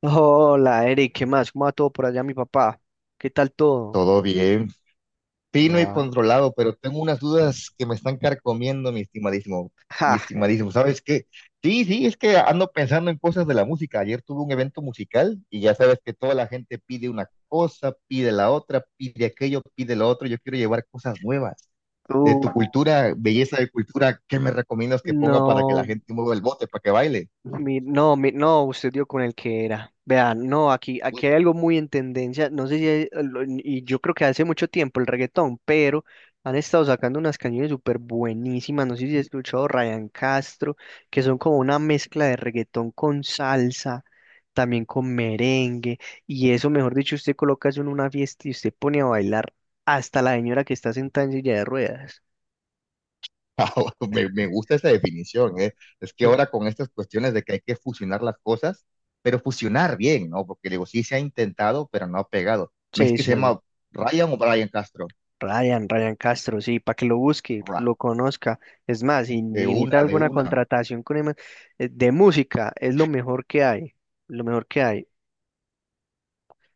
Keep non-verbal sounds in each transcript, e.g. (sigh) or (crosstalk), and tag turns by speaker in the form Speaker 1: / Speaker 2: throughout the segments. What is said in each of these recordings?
Speaker 1: Hola, Eric, ¿qué más? ¿Cómo va todo por allá, mi papá? ¿Qué tal todo?
Speaker 2: Todo bien, fino y
Speaker 1: No.
Speaker 2: controlado, pero tengo unas dudas que me están carcomiendo, mi estimadísimo, mi
Speaker 1: Ja,
Speaker 2: estimadísimo. ¿Sabes qué? Sí, sí, es que ando pensando en cosas de la música. Ayer tuve un evento musical y ya sabes que toda la gente pide una cosa, pide la otra, pide aquello, pide lo otro. Yo quiero llevar cosas nuevas de
Speaker 1: tú.
Speaker 2: tu cultura, belleza de cultura. ¿Qué me recomiendas que ponga para que la
Speaker 1: No.
Speaker 2: gente mueva el bote, para que baile?
Speaker 1: No, usted dio con el que era. Vean, no, aquí
Speaker 2: Pues
Speaker 1: hay algo muy en tendencia, no sé si, hay- lo- y yo creo que hace mucho tiempo el reggaetón, pero han estado sacando unas canciones súper buenísimas, ¿no sé si has escuchado Ryan Castro? Que son como una mezcla de reggaetón con salsa, también con merengue, y eso, mejor dicho, usted coloca eso en una fiesta y usted pone a bailar hasta la señora que está sentada en silla de ruedas.
Speaker 2: (laughs) Me
Speaker 1: (laughs)
Speaker 2: gusta esa definición, ¿eh? Es que ahora con estas cuestiones de que hay que fusionar las cosas, pero fusionar bien, ¿no? Porque digo, sí se ha intentado, pero no ha pegado. ¿Me es
Speaker 1: Sí,
Speaker 2: que se
Speaker 1: sí.
Speaker 2: llama Ryan o Brian Castro?
Speaker 1: Ryan, Ryan Castro, sí, para que lo busque,
Speaker 2: Ra-
Speaker 1: lo conozca. Es más, si
Speaker 2: De
Speaker 1: necesita
Speaker 2: una, de
Speaker 1: alguna
Speaker 2: una.
Speaker 1: contratación con de música, es lo mejor que hay, lo mejor que hay.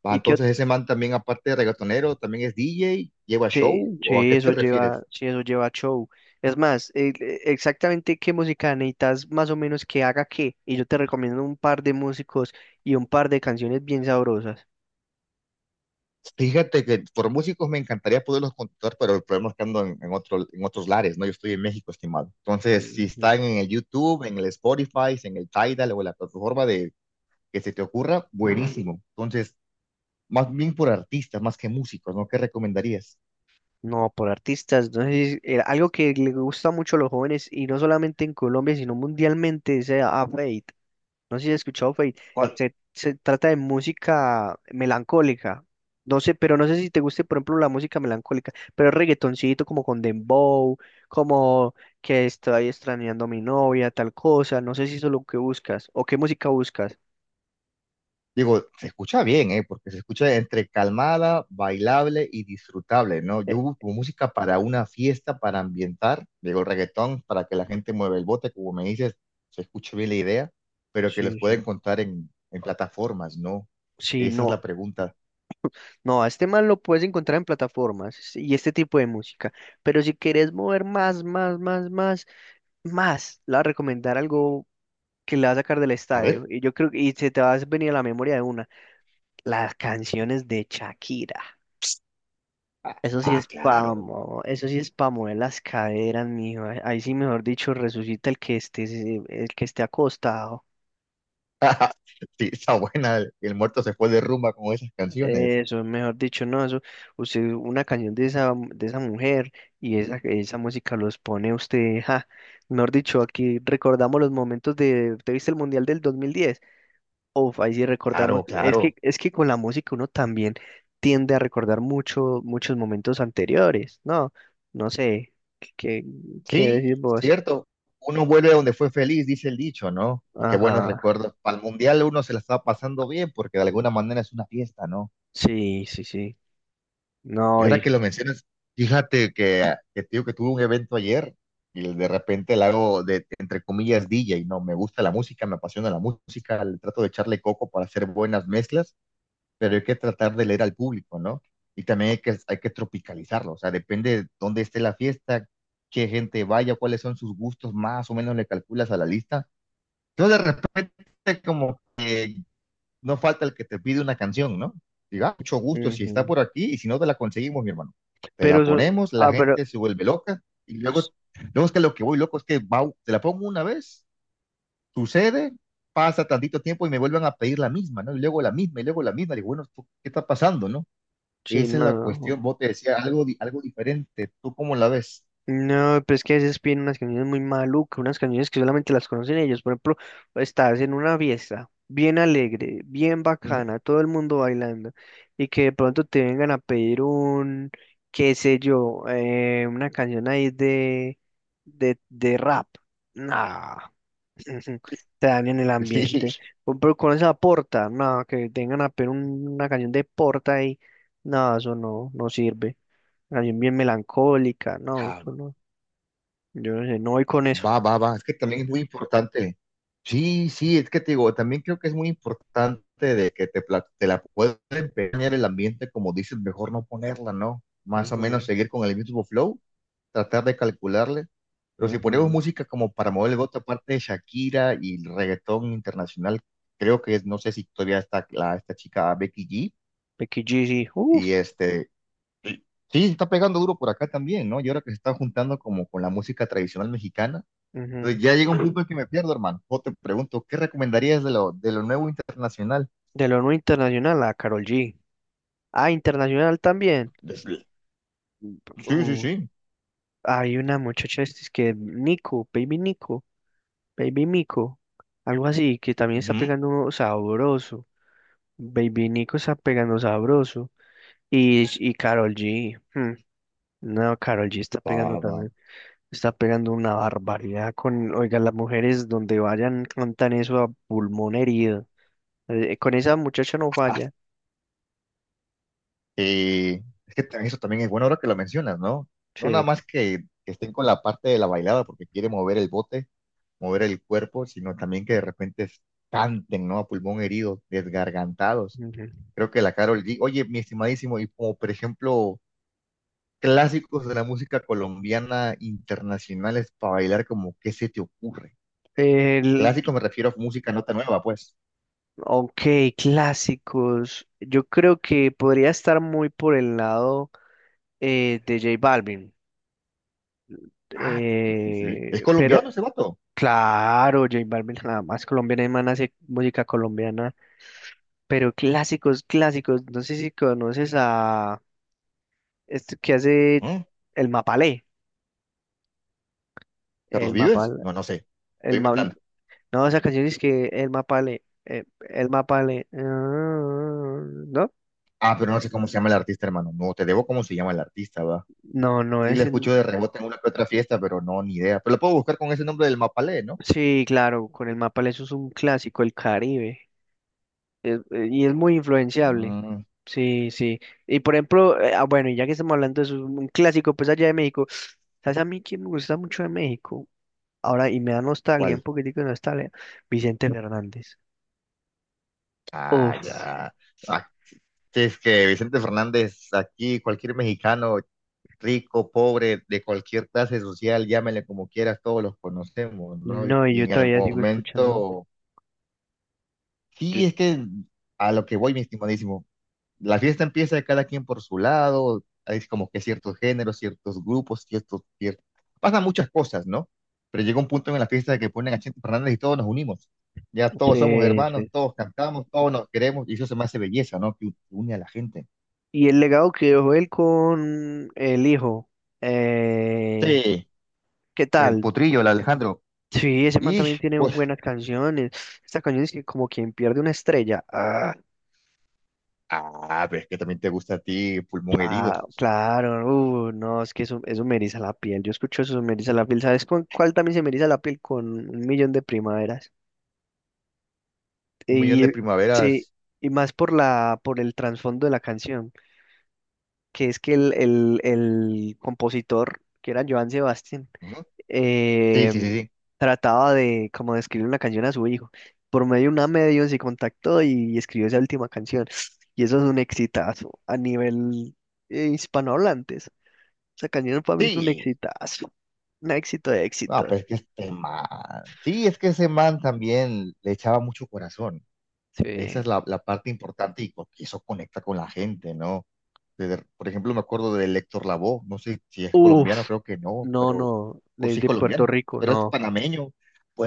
Speaker 2: Ah,
Speaker 1: Y que
Speaker 2: entonces ese man también, aparte de reggaetonero, también es DJ, lleva
Speaker 1: sí,
Speaker 2: show, ¿o a qué te refieres?
Speaker 1: sí, eso lleva show. Es más, exactamente qué música necesitas más o menos que haga qué. Y yo te recomiendo un par de músicos y un par de canciones bien sabrosas.
Speaker 2: Fíjate que por músicos me encantaría poderlos contactar, pero el problema es que ando en otro, en otros lares, ¿no? Yo estoy en México, estimado. Entonces, si
Speaker 1: Ujú.
Speaker 2: están en el YouTube, en el Spotify, en el Tidal o en la plataforma de que se te ocurra, buenísimo. Entonces, más bien por artistas, más que músicos, ¿no? ¿Qué recomendarías?
Speaker 1: No, por artistas. Entonces, algo que le gusta mucho a los jóvenes, y no solamente en Colombia, sino mundialmente, es a Fate. No sé si has escuchado Fate.
Speaker 2: ¿Cuál?
Speaker 1: Se trata de música melancólica. No sé, pero no sé si te guste, por ejemplo, la música melancólica, pero es reggaetoncito como con dembow, como que estoy extrañando a mi novia, tal cosa. No sé si eso es lo que buscas o qué música buscas.
Speaker 2: Digo, se escucha bien, ¿eh? Porque se escucha entre calmada, bailable y disfrutable, ¿no? Yo
Speaker 1: Eh,
Speaker 2: busco música para una fiesta, para ambientar, digo, reggaetón, para que la gente mueva el bote, como me dices, se escucha bien la idea, pero que los
Speaker 1: sí,
Speaker 2: pueden
Speaker 1: sí.
Speaker 2: contar en plataformas, ¿no?
Speaker 1: Sí,
Speaker 2: Esa es la
Speaker 1: no,
Speaker 2: pregunta.
Speaker 1: no, a este man lo puedes encontrar en plataformas sí, y este tipo de música. Pero si quieres mover más, más, más, más, más, le voy a recomendar algo que le va a sacar del
Speaker 2: A
Speaker 1: estadio.
Speaker 2: ver,
Speaker 1: Y yo creo que y se te va a venir a la memoria de una. Las canciones de Shakira.
Speaker 2: ah,
Speaker 1: Eso sí
Speaker 2: ah,
Speaker 1: es
Speaker 2: claro,
Speaker 1: pamo, eso sí es pa' mover las caderas, mijo. Ahí sí, mejor dicho, resucita el que esté, el que esté acostado.
Speaker 2: sí, está buena, el muerto se fue de rumba con esas canciones.
Speaker 1: Eso, mejor dicho, no, eso, usted, una canción de esa mujer y esa música los pone usted, ja. Mejor dicho, aquí recordamos los momentos de, ¿te viste el Mundial del 2010? Uf, ahí sí recordamos,
Speaker 2: Claro, claro.
Speaker 1: es que con la música uno también tiende a recordar mucho, muchos momentos anteriores, ¿no? No sé, ¿qué, ¿qué
Speaker 2: Sí,
Speaker 1: decís vos?
Speaker 2: cierto. Uno vuelve a donde fue feliz, dice el dicho, ¿no? Y qué buenos
Speaker 1: Ajá,
Speaker 2: recuerdos. Para el mundial uno se la está pasando bien porque de alguna manera es una fiesta, ¿no?
Speaker 1: sí, sí, sí,
Speaker 2: Y
Speaker 1: no,
Speaker 2: ahora
Speaker 1: y,
Speaker 2: que lo mencionas, fíjate que, ah, que tío que tuve un evento ayer y de repente la hago de, entre comillas, DJ, ¿no? Me gusta la música, me apasiona la música, le trato de echarle coco para hacer buenas mezclas, pero hay que tratar de leer al público, ¿no? Y también hay que tropicalizarlo, o sea, depende de dónde esté la fiesta, qué gente vaya, cuáles son sus gustos, más o menos le calculas a la lista. Entonces, de repente, como no falta el que te pide una canción, ¿no? Diga, mucho gusto si está
Speaker 1: ujú.
Speaker 2: por aquí y si no te la conseguimos, mi hermano. Te
Speaker 1: Pero,
Speaker 2: la ponemos, la
Speaker 1: ah, pero,
Speaker 2: gente se vuelve loca y
Speaker 1: s-
Speaker 2: luego, luego es que lo que voy loco es que va, te la pongo una vez, sucede, pasa tantito tiempo y me vuelven a pedir la misma, ¿no? Y luego la misma y luego la misma. Digo, bueno, ¿tú ¿qué está pasando, no?
Speaker 1: sí,
Speaker 2: Esa es
Speaker 1: no,
Speaker 2: la
Speaker 1: no.
Speaker 2: cuestión. Vos te decía algo, algo diferente. ¿Tú cómo la ves?
Speaker 1: No, pero es que a veces piden unas canciones muy malucas, unas canciones que solamente las conocen ellos. Por ejemplo, estás en una fiesta bien alegre, bien
Speaker 2: Ujú. (laughs)
Speaker 1: bacana, todo el mundo bailando, y que de pronto te vengan a pedir un, qué sé yo, una canción ahí de, de rap. Nah, (laughs) te dan en el ambiente.
Speaker 2: Sí.
Speaker 1: Por ejemplo, con esa porta, no, que tengan a pedir una canción de porta ahí, no, eso no, no sirve. Canción bien melancólica, no,
Speaker 2: Ah,
Speaker 1: eso no. Yo no sé, no voy con eso.
Speaker 2: va, va, va. Es que también es muy importante. Sí, sí, es que te digo, también creo que es muy importante de que te, te la puedes empeñar el ambiente, como dices, mejor no ponerla, ¿no? Más o menos
Speaker 1: Ujú,
Speaker 2: seguir con el mismo flow, tratar de calcularle. Pero si ponemos
Speaker 1: ujú.
Speaker 2: música como para mover el voto, aparte de Shakira y el reggaetón internacional, creo que es, no sé si todavía está la, esta chica Becky G.
Speaker 1: Becky G, sí. Uf.
Speaker 2: Y este, sí, sí está pegando duro por acá también, ¿no? Y ahora que se está juntando como con la música tradicional mexicana,
Speaker 1: Ujú.
Speaker 2: entonces ya llega un punto en que me pierdo, hermano. Yo te pregunto, ¿qué recomendarías de lo nuevo internacional?
Speaker 1: De lo no internacional a Carol G. Ah, internacional también.
Speaker 2: De pl- Sí, sí,
Speaker 1: Uf,
Speaker 2: sí.
Speaker 1: hay una muchacha este, es que Nico, Baby Nico, Baby Mico, algo así, que también está
Speaker 2: Ujú.
Speaker 1: pegando uno sabroso. Baby Nico está pegando sabroso. Y Karol G. Hmm, no, Karol G está
Speaker 2: Va,
Speaker 1: pegando
Speaker 2: va.
Speaker 1: también. Está pegando una barbaridad con, oiga, las mujeres donde vayan cantan eso a pulmón herido. Con esa muchacha no
Speaker 2: (laughs)
Speaker 1: falla.
Speaker 2: Es que eso también es bueno ahora que lo mencionas, ¿no? No nada
Speaker 1: Sí.
Speaker 2: más que estén con la parte de la bailada porque quiere mover el bote, mover el cuerpo, sino también que de repente canten, ¿no? A pulmón herido, desgargantados.
Speaker 1: Ujú.
Speaker 2: Creo que la Karol G. Oye, mi estimadísimo, y como por ejemplo clásicos de la música colombiana internacionales para bailar, como ¿qué se te ocurre?
Speaker 1: El,
Speaker 2: Clásico me refiero a música nota nueva, pues.
Speaker 1: ok, clásicos. Yo creo que podría estar muy por el lado de J Balvin.
Speaker 2: Ah, sí, sí, sí. ¿Es
Speaker 1: Pero
Speaker 2: colombiano ese vato?
Speaker 1: claro, J Balvin jamás colombiana, el man hace música colombiana. Pero clásicos, clásicos. No sé si conoces a este que hace
Speaker 2: ¿Mm?
Speaker 1: el Mapalé.
Speaker 2: ¿Carlos
Speaker 1: El
Speaker 2: Vives?
Speaker 1: Mapal,
Speaker 2: No, no sé.
Speaker 1: el,
Speaker 2: Estoy
Speaker 1: Ma-
Speaker 2: inventando.
Speaker 1: No, esa canción es que el mapale, ah, ¿no?
Speaker 2: Ah, pero no sé cómo se llama el artista, hermano. No, te debo cómo se llama el artista, va.
Speaker 1: No, no
Speaker 2: Sí,
Speaker 1: es
Speaker 2: le escucho de
Speaker 1: en...
Speaker 2: rebote en una que otra fiesta, pero no, ni idea. Pero lo puedo buscar con ese nombre del Mapalé, ¿no?
Speaker 1: Sí, claro, con el mapale eso es un clásico, el Caribe, y es muy influenciable.
Speaker 2: Mm,
Speaker 1: Sí, sí. Y por ejemplo, bueno, y ya que estamos hablando de eso, un clásico, pues allá de México, ¿sabes a mí que me gusta mucho de México? Ahora, y me da nostalgia, un
Speaker 2: ¿cuál?
Speaker 1: poquitico de nostalgia, Vicente Fernández.
Speaker 2: Ah,
Speaker 1: Uf,
Speaker 2: ya. Ah, sí, es que Vicente Fernández, aquí cualquier mexicano rico, pobre, de cualquier clase social, llámele como quieras, todos los conocemos, ¿no?
Speaker 1: no, y
Speaker 2: Y
Speaker 1: yo
Speaker 2: en el
Speaker 1: todavía sigo escuchando.
Speaker 2: momento,
Speaker 1: Yo,
Speaker 2: sí, es que a lo que voy, mi estimadísimo, la fiesta empieza de cada quien por su lado, hay como que ciertos géneros, ciertos grupos, ciertos, ciertos, pasan muchas cosas, ¿no? Pero llega un punto en la fiesta que ponen a Chente Fernández y todos nos unimos. Ya todos somos
Speaker 1: sí,
Speaker 2: hermanos,
Speaker 1: sí,
Speaker 2: todos cantamos, todos nos queremos, y eso se me hace belleza, ¿no? Que une a la gente.
Speaker 1: y el legado que dejó él con el hijo. eh,
Speaker 2: Sí,
Speaker 1: ¿Qué
Speaker 2: el
Speaker 1: tal?
Speaker 2: potrillo, el Alejandro.
Speaker 1: Sí, ese man
Speaker 2: Y
Speaker 1: también tiene
Speaker 2: pues,
Speaker 1: buenas canciones. Estas canciones que como quien pierde una estrella. Ah,
Speaker 2: ah, pero es que también te gusta a ti Pulmón Herido.
Speaker 1: claro, no, es que eso me eriza la piel. Yo escucho eso, me eriza la piel. ¿Sabes con cuál también se me eriza la piel? Con un millón de primaveras.
Speaker 2: Un millón
Speaker 1: Y
Speaker 2: de
Speaker 1: sí,
Speaker 2: primaveras.
Speaker 1: y más por la, por el trasfondo de la canción, que es que el compositor, que era Joan Sebastián,
Speaker 2: Ujú. Sí,
Speaker 1: eh,
Speaker 2: sí, sí, sí.
Speaker 1: trataba de como de escribir una canción a su hijo. Por medio de una medio se contactó y escribió esa última canción. Y eso es un exitazo a nivel hispanohablantes. Esa canción para mí es un
Speaker 2: Sí.
Speaker 1: exitazo. Un éxito de
Speaker 2: No,
Speaker 1: éxitos.
Speaker 2: pero es que este man. Sí, es que ese man también le echaba mucho corazón. Esa
Speaker 1: Sí.
Speaker 2: es la, la parte importante y porque eso conecta con la gente, ¿no? Por ejemplo, me acuerdo de Héctor Lavoe. No sé si es colombiano,
Speaker 1: Uf,
Speaker 2: creo que no,
Speaker 1: no,
Speaker 2: pero.
Speaker 1: no.
Speaker 2: O si es
Speaker 1: Desde Puerto
Speaker 2: colombiano,
Speaker 1: Rico,
Speaker 2: pero es
Speaker 1: no.
Speaker 2: panameño.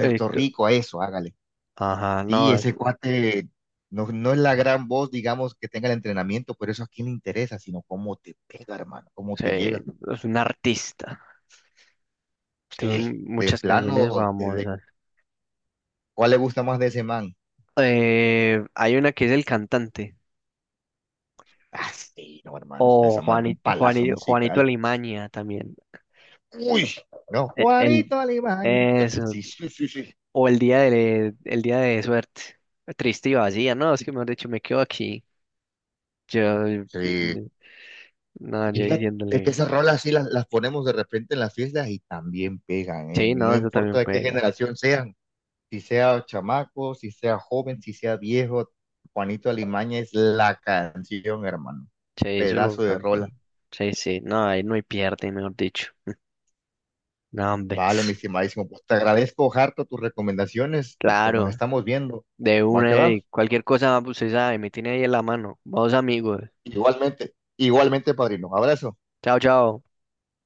Speaker 1: Eh, t-
Speaker 2: Rico, a eso, hágale.
Speaker 1: ajá,
Speaker 2: Sí,
Speaker 1: no.
Speaker 2: ese cuate no, no es la gran voz, digamos, que tenga el entrenamiento, pero eso a quién le interesa, sino cómo te pega, hermano, cómo
Speaker 1: Sí,
Speaker 2: te llega.
Speaker 1: es un artista.
Speaker 2: Sí,
Speaker 1: Tiene
Speaker 2: de
Speaker 1: muchas canciones
Speaker 2: plano,
Speaker 1: famosas.
Speaker 2: ¿cuál le gusta más de ese man?
Speaker 1: Hay una que es El Cantante.
Speaker 2: Ah, sí, no, hermano, pues,
Speaker 1: O
Speaker 2: esa madre es un
Speaker 1: Juanito,
Speaker 2: palazo
Speaker 1: Juanito, Juanito
Speaker 2: musical.
Speaker 1: Alimaña también.
Speaker 2: Uy, no,
Speaker 1: El, el-
Speaker 2: Juanito Alimaña. No,
Speaker 1: eso.
Speaker 2: sí, sí, sí, sí.
Speaker 1: O el día de suerte. Triste y vacía, ¿no? Es que mejor dicho, me quedo aquí. Yo, eh, eh,
Speaker 2: Sí,
Speaker 1: no, yo
Speaker 2: fíjate que
Speaker 1: diciéndole,
Speaker 2: esas rolas sí las ponemos de repente en las fiestas y también pegan, ¿eh?
Speaker 1: sí,
Speaker 2: No
Speaker 1: no, eso
Speaker 2: importa
Speaker 1: también
Speaker 2: de qué
Speaker 1: pega.
Speaker 2: generación sean. Si sea chamaco, si sea joven, si sea viejo, Juanito Alimaña es la canción, hermano.
Speaker 1: Sí, eso lo
Speaker 2: Pedazo de
Speaker 1: cantan.
Speaker 2: rola.
Speaker 1: Sí, sí, no, ahí no hay pierde, mejor dicho. No, hombre.
Speaker 2: Vale, mi estimadísimo. Pues te agradezco, Harto, tus recomendaciones y pues nos
Speaker 1: Claro,
Speaker 2: estamos viendo.
Speaker 1: de
Speaker 2: Va que
Speaker 1: una
Speaker 2: va.
Speaker 1: y cualquier cosa, pues usted sabe, me tiene ahí en la mano. Vamos, amigos.
Speaker 2: Igualmente, igualmente, padrino. Abrazo.
Speaker 1: Chao, chao.